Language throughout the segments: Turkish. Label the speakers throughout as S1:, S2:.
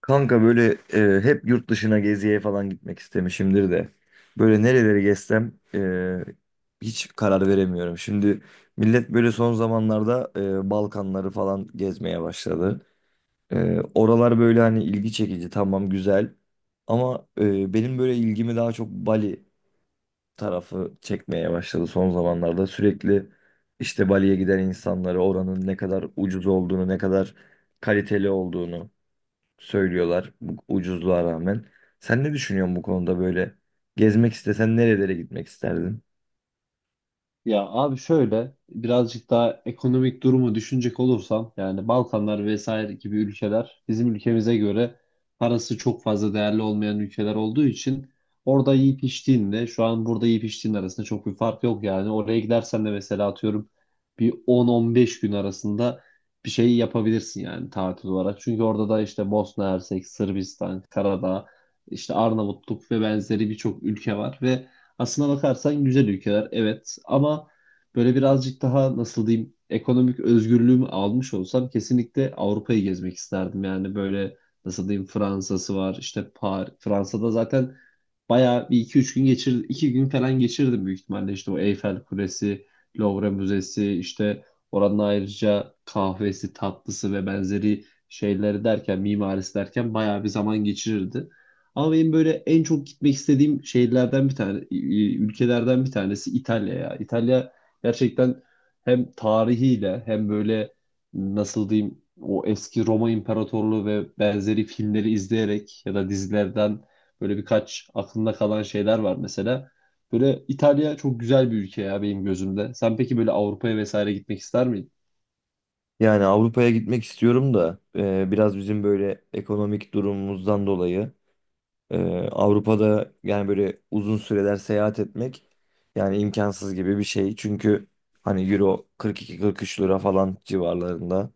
S1: Kanka hep yurt dışına geziye falan gitmek istemişimdir de. Böyle nereleri gezsem, hiç karar veremiyorum. Şimdi millet böyle son zamanlarda Balkanları falan gezmeye başladı. Oralar böyle hani ilgi çekici tamam güzel. Ama benim böyle ilgimi daha çok Bali tarafı çekmeye başladı son zamanlarda. Sürekli işte Bali'ye giden insanları oranın ne kadar ucuz olduğunu ne kadar kaliteli olduğunu söylüyorlar bu ucuzluğa rağmen. Sen ne düşünüyorsun bu konuda böyle? Gezmek istesen nerelere gitmek isterdin?
S2: Ya abi şöyle birazcık daha ekonomik durumu düşünecek olursam yani Balkanlar vesaire gibi ülkeler bizim ülkemize göre parası çok fazla değerli olmayan ülkeler olduğu için orada yiyip içtiğinle şu an burada yiyip içtiğin arasında çok bir fark yok yani. Oraya gidersen de mesela atıyorum bir 10-15 gün arasında bir şey yapabilirsin yani tatil olarak. Çünkü orada da işte Bosna Hersek, Sırbistan, Karadağ, işte Arnavutluk ve benzeri birçok ülke var ve aslına bakarsan güzel ülkeler evet, ama böyle birazcık daha nasıl diyeyim ekonomik özgürlüğümü almış olsam kesinlikle Avrupa'yı gezmek isterdim. Yani böyle nasıl diyeyim Fransa'sı var, işte Fransa'da zaten bayağı bir iki üç gün geçir iki gün falan geçirdim büyük ihtimalle, işte o Eyfel Kulesi, Louvre Müzesi, işte oranın ayrıca kahvesi, tatlısı ve benzeri şeyleri derken mimarisi derken bayağı bir zaman geçirirdi. Ama benim böyle en çok gitmek istediğim şehirlerden bir tane, e, ülkelerden bir tanesi İtalya ya. İtalya gerçekten hem tarihiyle hem böyle nasıl diyeyim o eski Roma İmparatorluğu ve benzeri filmleri izleyerek ya da dizilerden böyle birkaç aklımda kalan şeyler var mesela. Böyle İtalya çok güzel bir ülke ya benim gözümde. Sen peki böyle Avrupa'ya vesaire gitmek ister miydin?
S1: Yani Avrupa'ya gitmek istiyorum da biraz bizim böyle ekonomik durumumuzdan dolayı e, Avrupa'da yani böyle uzun süreler seyahat etmek yani imkansız gibi bir şey. Çünkü hani Euro 42-43 lira falan civarlarında.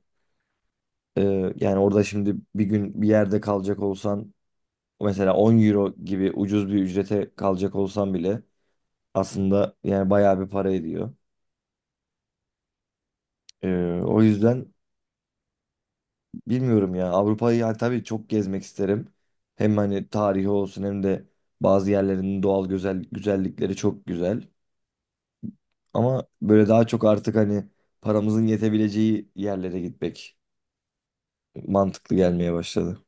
S1: E, Yani orada şimdi bir gün bir yerde kalacak olsan mesela 10 Euro gibi ucuz bir ücrete kalacak olsan bile aslında yani bayağı bir para ediyor. O yüzden bilmiyorum ya Avrupa'yı yani tabii çok gezmek isterim. Hem hani tarihi olsun hem de bazı yerlerinin doğal güzel güzellikleri çok güzel. Ama böyle daha çok artık hani paramızın yetebileceği yerlere gitmek mantıklı gelmeye başladı.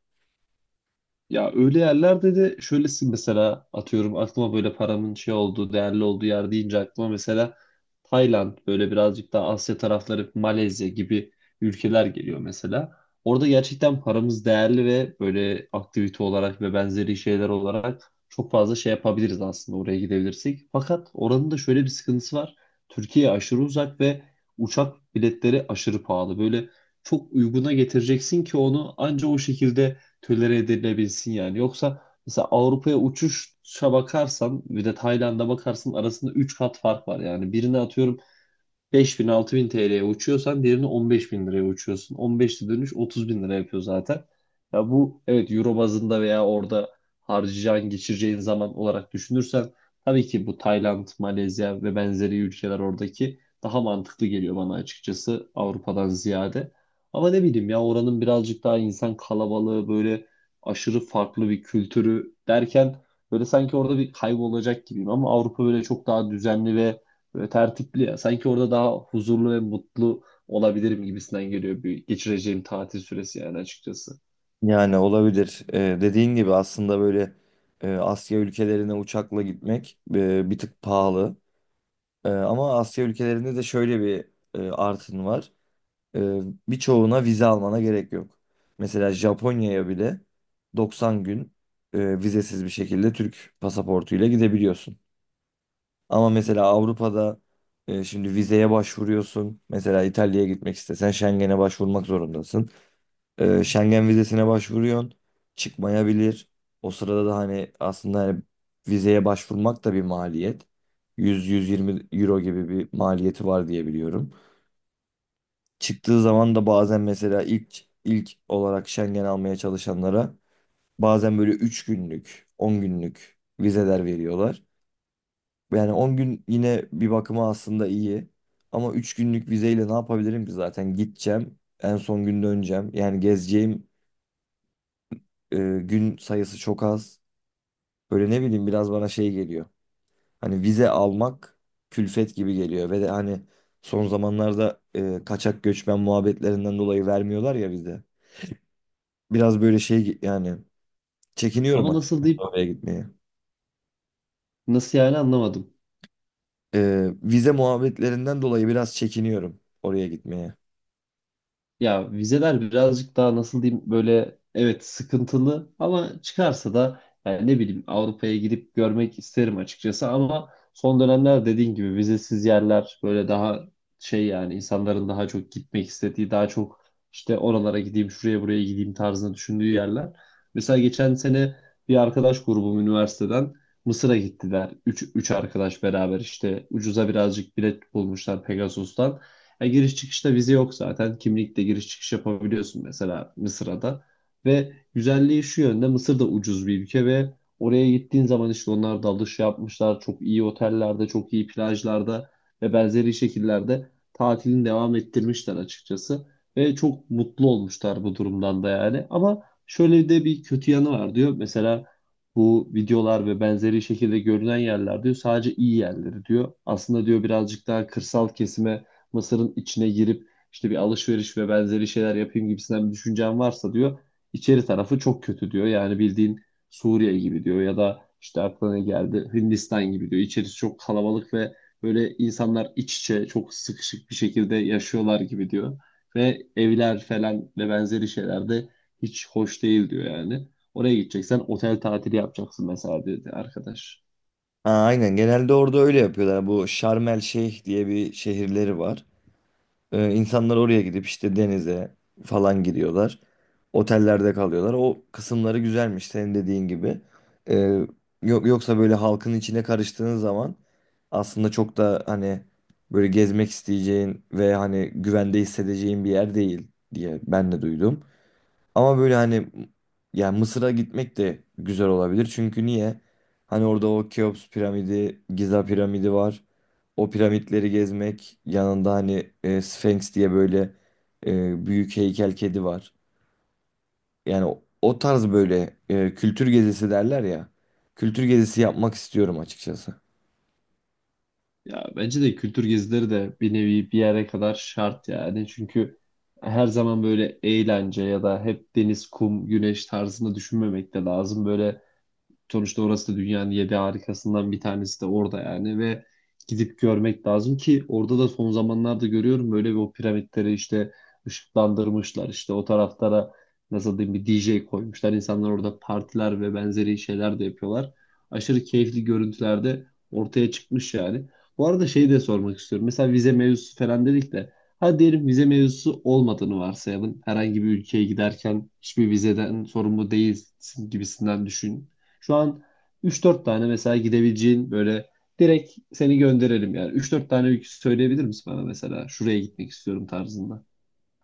S2: Ya öyle yerlerde de şöylesin, mesela atıyorum aklıma böyle paramın şey olduğu, değerli olduğu yer deyince aklıma mesela Tayland, böyle birazcık daha Asya tarafları, Malezya gibi ülkeler geliyor mesela. Orada gerçekten paramız değerli ve böyle aktivite olarak ve benzeri şeyler olarak çok fazla şey yapabiliriz aslında oraya gidebilirsek. Fakat oranın da şöyle bir sıkıntısı var. Türkiye aşırı uzak ve uçak biletleri aşırı pahalı. Böyle çok uyguna getireceksin ki onu anca o şekilde tölere edilebilsin yani. Yoksa mesela Avrupa'ya uçuşa bakarsan bir de Tayland'a bakarsın, arasında 3 kat fark var. Yani birine atıyorum 5.000-6.000 TL'ye uçuyorsan diğerini 15.000 liraya uçuyorsun. 15'te dönüş 30.000 lira yapıyor zaten. Ya bu evet euro bazında veya orada harcayacağın, geçireceğin zaman olarak düşünürsen tabii ki bu Tayland, Malezya ve benzeri ülkeler oradaki daha mantıklı geliyor bana açıkçası Avrupa'dan ziyade. Ama ne bileyim ya oranın birazcık daha insan kalabalığı, böyle aşırı farklı bir kültürü derken böyle sanki orada bir kaybolacak gibiyim, ama Avrupa böyle çok daha düzenli ve böyle tertipli ya. Sanki orada daha huzurlu ve mutlu olabilirim gibisinden geliyor bir geçireceğim tatil süresi, yani açıkçası.
S1: Yani olabilir. Dediğin gibi aslında böyle Asya ülkelerine uçakla gitmek bir tık pahalı. Ama Asya ülkelerinde de şöyle bir artın var. Ee, Birçoğuna vize almana gerek yok. Mesela Japonya'ya bile 90 gün vizesiz bir şekilde Türk pasaportuyla gidebiliyorsun. Ama mesela Avrupa'da şimdi vizeye başvuruyorsun. Mesela İtalya'ya gitmek istesen Schengen'e başvurmak zorundasın. Schengen vizesine başvuruyorsun. Çıkmayabilir. O sırada da hani aslında hani vizeye başvurmak da bir maliyet. 100-120 euro gibi bir maliyeti var diye biliyorum. Çıktığı zaman da bazen mesela ilk olarak Schengen almaya çalışanlara bazen böyle 3 günlük, 10 günlük vizeler veriyorlar. Yani 10 gün yine bir bakıma aslında iyi. Ama 3 günlük vizeyle ne yapabilirim ki zaten gideceğim, en son gün döneceğim. Yani gezeceğim gün sayısı çok az. Böyle ne bileyim biraz bana şey geliyor. Hani vize almak külfet gibi geliyor ve de hani son zamanlarda kaçak göçmen muhabbetlerinden dolayı vermiyorlar ya vize. Biraz böyle şey yani çekiniyorum
S2: Ama nasıl
S1: açıkçası
S2: deyip
S1: oraya gitmeye.
S2: nasıl yani, anlamadım.
S1: Vize muhabbetlerinden dolayı biraz çekiniyorum oraya gitmeye.
S2: Ya vizeler birazcık daha nasıl diyeyim böyle evet sıkıntılı, ama çıkarsa da yani ne bileyim Avrupa'ya gidip görmek isterim açıkçası, ama son dönemler dediğin gibi vizesiz yerler böyle daha şey yani insanların daha çok gitmek istediği, daha çok işte oralara gideyim şuraya buraya gideyim tarzında düşündüğü yerler. Mesela geçen sene bir arkadaş grubum üniversiteden Mısır'a gittiler. Üç arkadaş beraber işte ucuza birazcık bilet bulmuşlar Pegasus'tan. Ya giriş çıkışta vize yok zaten. Kimlikle giriş çıkış yapabiliyorsun mesela Mısır'a da. Ve güzelliği şu yönde, Mısır da ucuz bir ülke ve oraya gittiğin zaman işte onlar dalış yapmışlar. Çok iyi otellerde, çok iyi plajlarda ve benzeri şekillerde tatilini devam ettirmişler açıkçası. Ve çok mutlu olmuşlar bu durumdan da yani. Ama şöyle de bir kötü yanı var diyor. Mesela bu videolar ve benzeri şekilde görünen yerler diyor sadece iyi yerleri diyor. Aslında diyor birazcık daha kırsal kesime Mısır'ın içine girip işte bir alışveriş ve benzeri şeyler yapayım gibisinden bir düşüncen varsa diyor içeri tarafı çok kötü diyor. Yani bildiğin Suriye gibi diyor ya da işte aklına ne geldi Hindistan gibi diyor. İçerisi çok kalabalık ve böyle insanlar iç içe çok sıkışık bir şekilde yaşıyorlar gibi diyor. Ve evler falan ve benzeri şeyler de hiç hoş değil diyor yani. Oraya gideceksen otel tatili yapacaksın mesela, dedi arkadaş.
S1: Ha, aynen genelde orada öyle yapıyorlar. Bu şarmel El Şeyh diye bir şehirleri var. İnsanlar oraya gidip işte denize falan gidiyorlar. Otellerde kalıyorlar. O kısımları güzelmiş senin dediğin gibi. Ee, Yok yoksa böyle halkın içine karıştığın zaman aslında çok da hani böyle gezmek isteyeceğin ve hani güvende hissedeceğin bir yer değil diye ben de duydum. Ama böyle hani yani Mısır'a gitmek de güzel olabilir. Çünkü niye? Hani orada o Keops piramidi, Giza piramidi var. O piramitleri gezmek, yanında hani Sphinx diye böyle büyük heykel kedi var. Yani o tarz böyle kültür gezisi derler ya. Kültür gezisi yapmak istiyorum açıkçası.
S2: Ya bence de kültür gezileri de bir nevi bir yere kadar şart yani. Çünkü her zaman böyle eğlence ya da hep deniz, kum, güneş tarzında düşünmemek de lazım. Böyle sonuçta orası da dünyanın yedi harikasından bir tanesi de orada yani ve gidip görmek lazım ki orada da son zamanlarda görüyorum böyle bir o piramitleri işte ışıklandırmışlar, işte o taraflara nasıl diyeyim bir DJ koymuşlar, insanlar orada partiler ve benzeri şeyler de yapıyorlar. Aşırı keyifli görüntülerde ortaya çıkmış yani. Bu arada şeyi de sormak istiyorum. Mesela vize mevzusu falan dedik de hadi diyelim vize mevzusu olmadığını varsayalım. Herhangi bir ülkeye giderken hiçbir vizeden sorumlu değilsin gibisinden düşün. Şu an 3-4 tane mesela gidebileceğin böyle direkt seni gönderelim yani. Üç dört tane ülke söyleyebilir misin bana mesela? Şuraya gitmek istiyorum tarzında.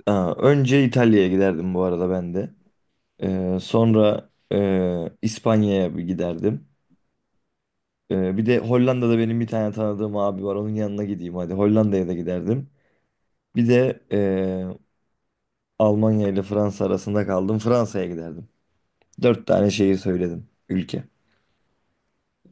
S1: Aa, önce İtalya'ya giderdim bu arada ben de. Sonra İspanya'ya bir giderdim. Bir de Hollanda'da benim bir tane tanıdığım abi var. Onun yanına gideyim hadi. Hollanda'ya da giderdim. Bir de Almanya ile Fransa arasında kaldım. Fransa'ya giderdim. Dört tane şehir söyledim. Ülke.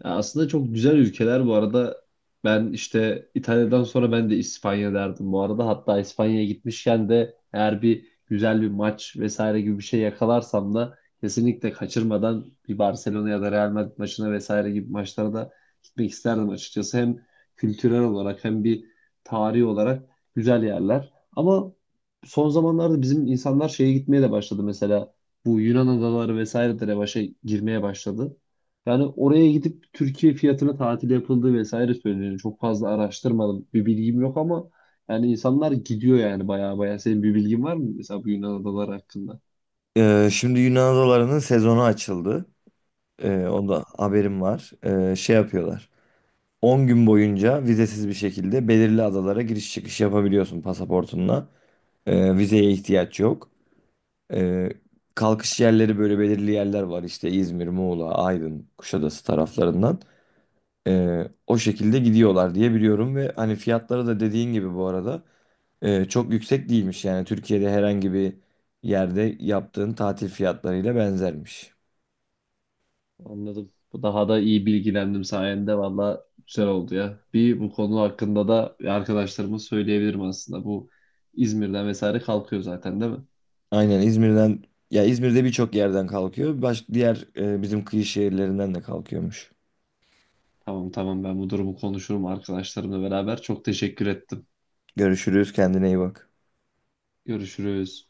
S2: Ya aslında çok güzel ülkeler bu arada. Ben işte İtalya'dan sonra ben de İspanya derdim bu arada. Hatta İspanya'ya gitmişken de eğer bir güzel bir maç vesaire gibi bir şey yakalarsam da kesinlikle kaçırmadan bir Barcelona ya da Real Madrid maçına vesaire gibi maçlara da gitmek isterdim açıkçası. Hem kültürel olarak hem bir tarihi olarak güzel yerler. Ama son zamanlarda bizim insanlar şeye gitmeye de başladı mesela. Bu Yunan adaları vesaire de revaşa girmeye başladı. Yani oraya gidip Türkiye fiyatına tatil yapıldığı vesaire söyleniyor. Çok fazla araştırmadım. Bir bilgim yok, ama yani insanlar gidiyor yani baya baya. Senin bir bilgin var mı mesela bu Yunan adaları hakkında?
S1: Şimdi Yunan adalarının sezonu açıldı. Onda haberim var. Şey yapıyorlar. 10 gün boyunca vizesiz bir şekilde belirli adalara giriş çıkış yapabiliyorsun pasaportunla. Vizeye ihtiyaç yok. Ee, Kalkış yerleri böyle belirli yerler var işte İzmir, Muğla, Aydın, Kuşadası taraflarından. O şekilde gidiyorlar diye biliyorum ve hani fiyatları da dediğin gibi bu arada çok yüksek değilmiş. Yani Türkiye'de herhangi bir yerde yaptığın tatil fiyatlarıyla benzermiş.
S2: Anladım. Daha da iyi bilgilendim sayende. Valla güzel oldu ya. Bir bu konu hakkında da arkadaşlarıma söyleyebilirim aslında. Bu İzmir'den vesaire kalkıyor zaten değil mi?
S1: Aynen İzmir'den ya İzmir'de birçok yerden kalkıyor. Baş, diğer bizim kıyı şehirlerinden de kalkıyormuş.
S2: Tamam tamam, ben bu durumu konuşurum arkadaşlarımla beraber. Çok teşekkür ettim.
S1: Görüşürüz kendine iyi bak.
S2: Görüşürüz.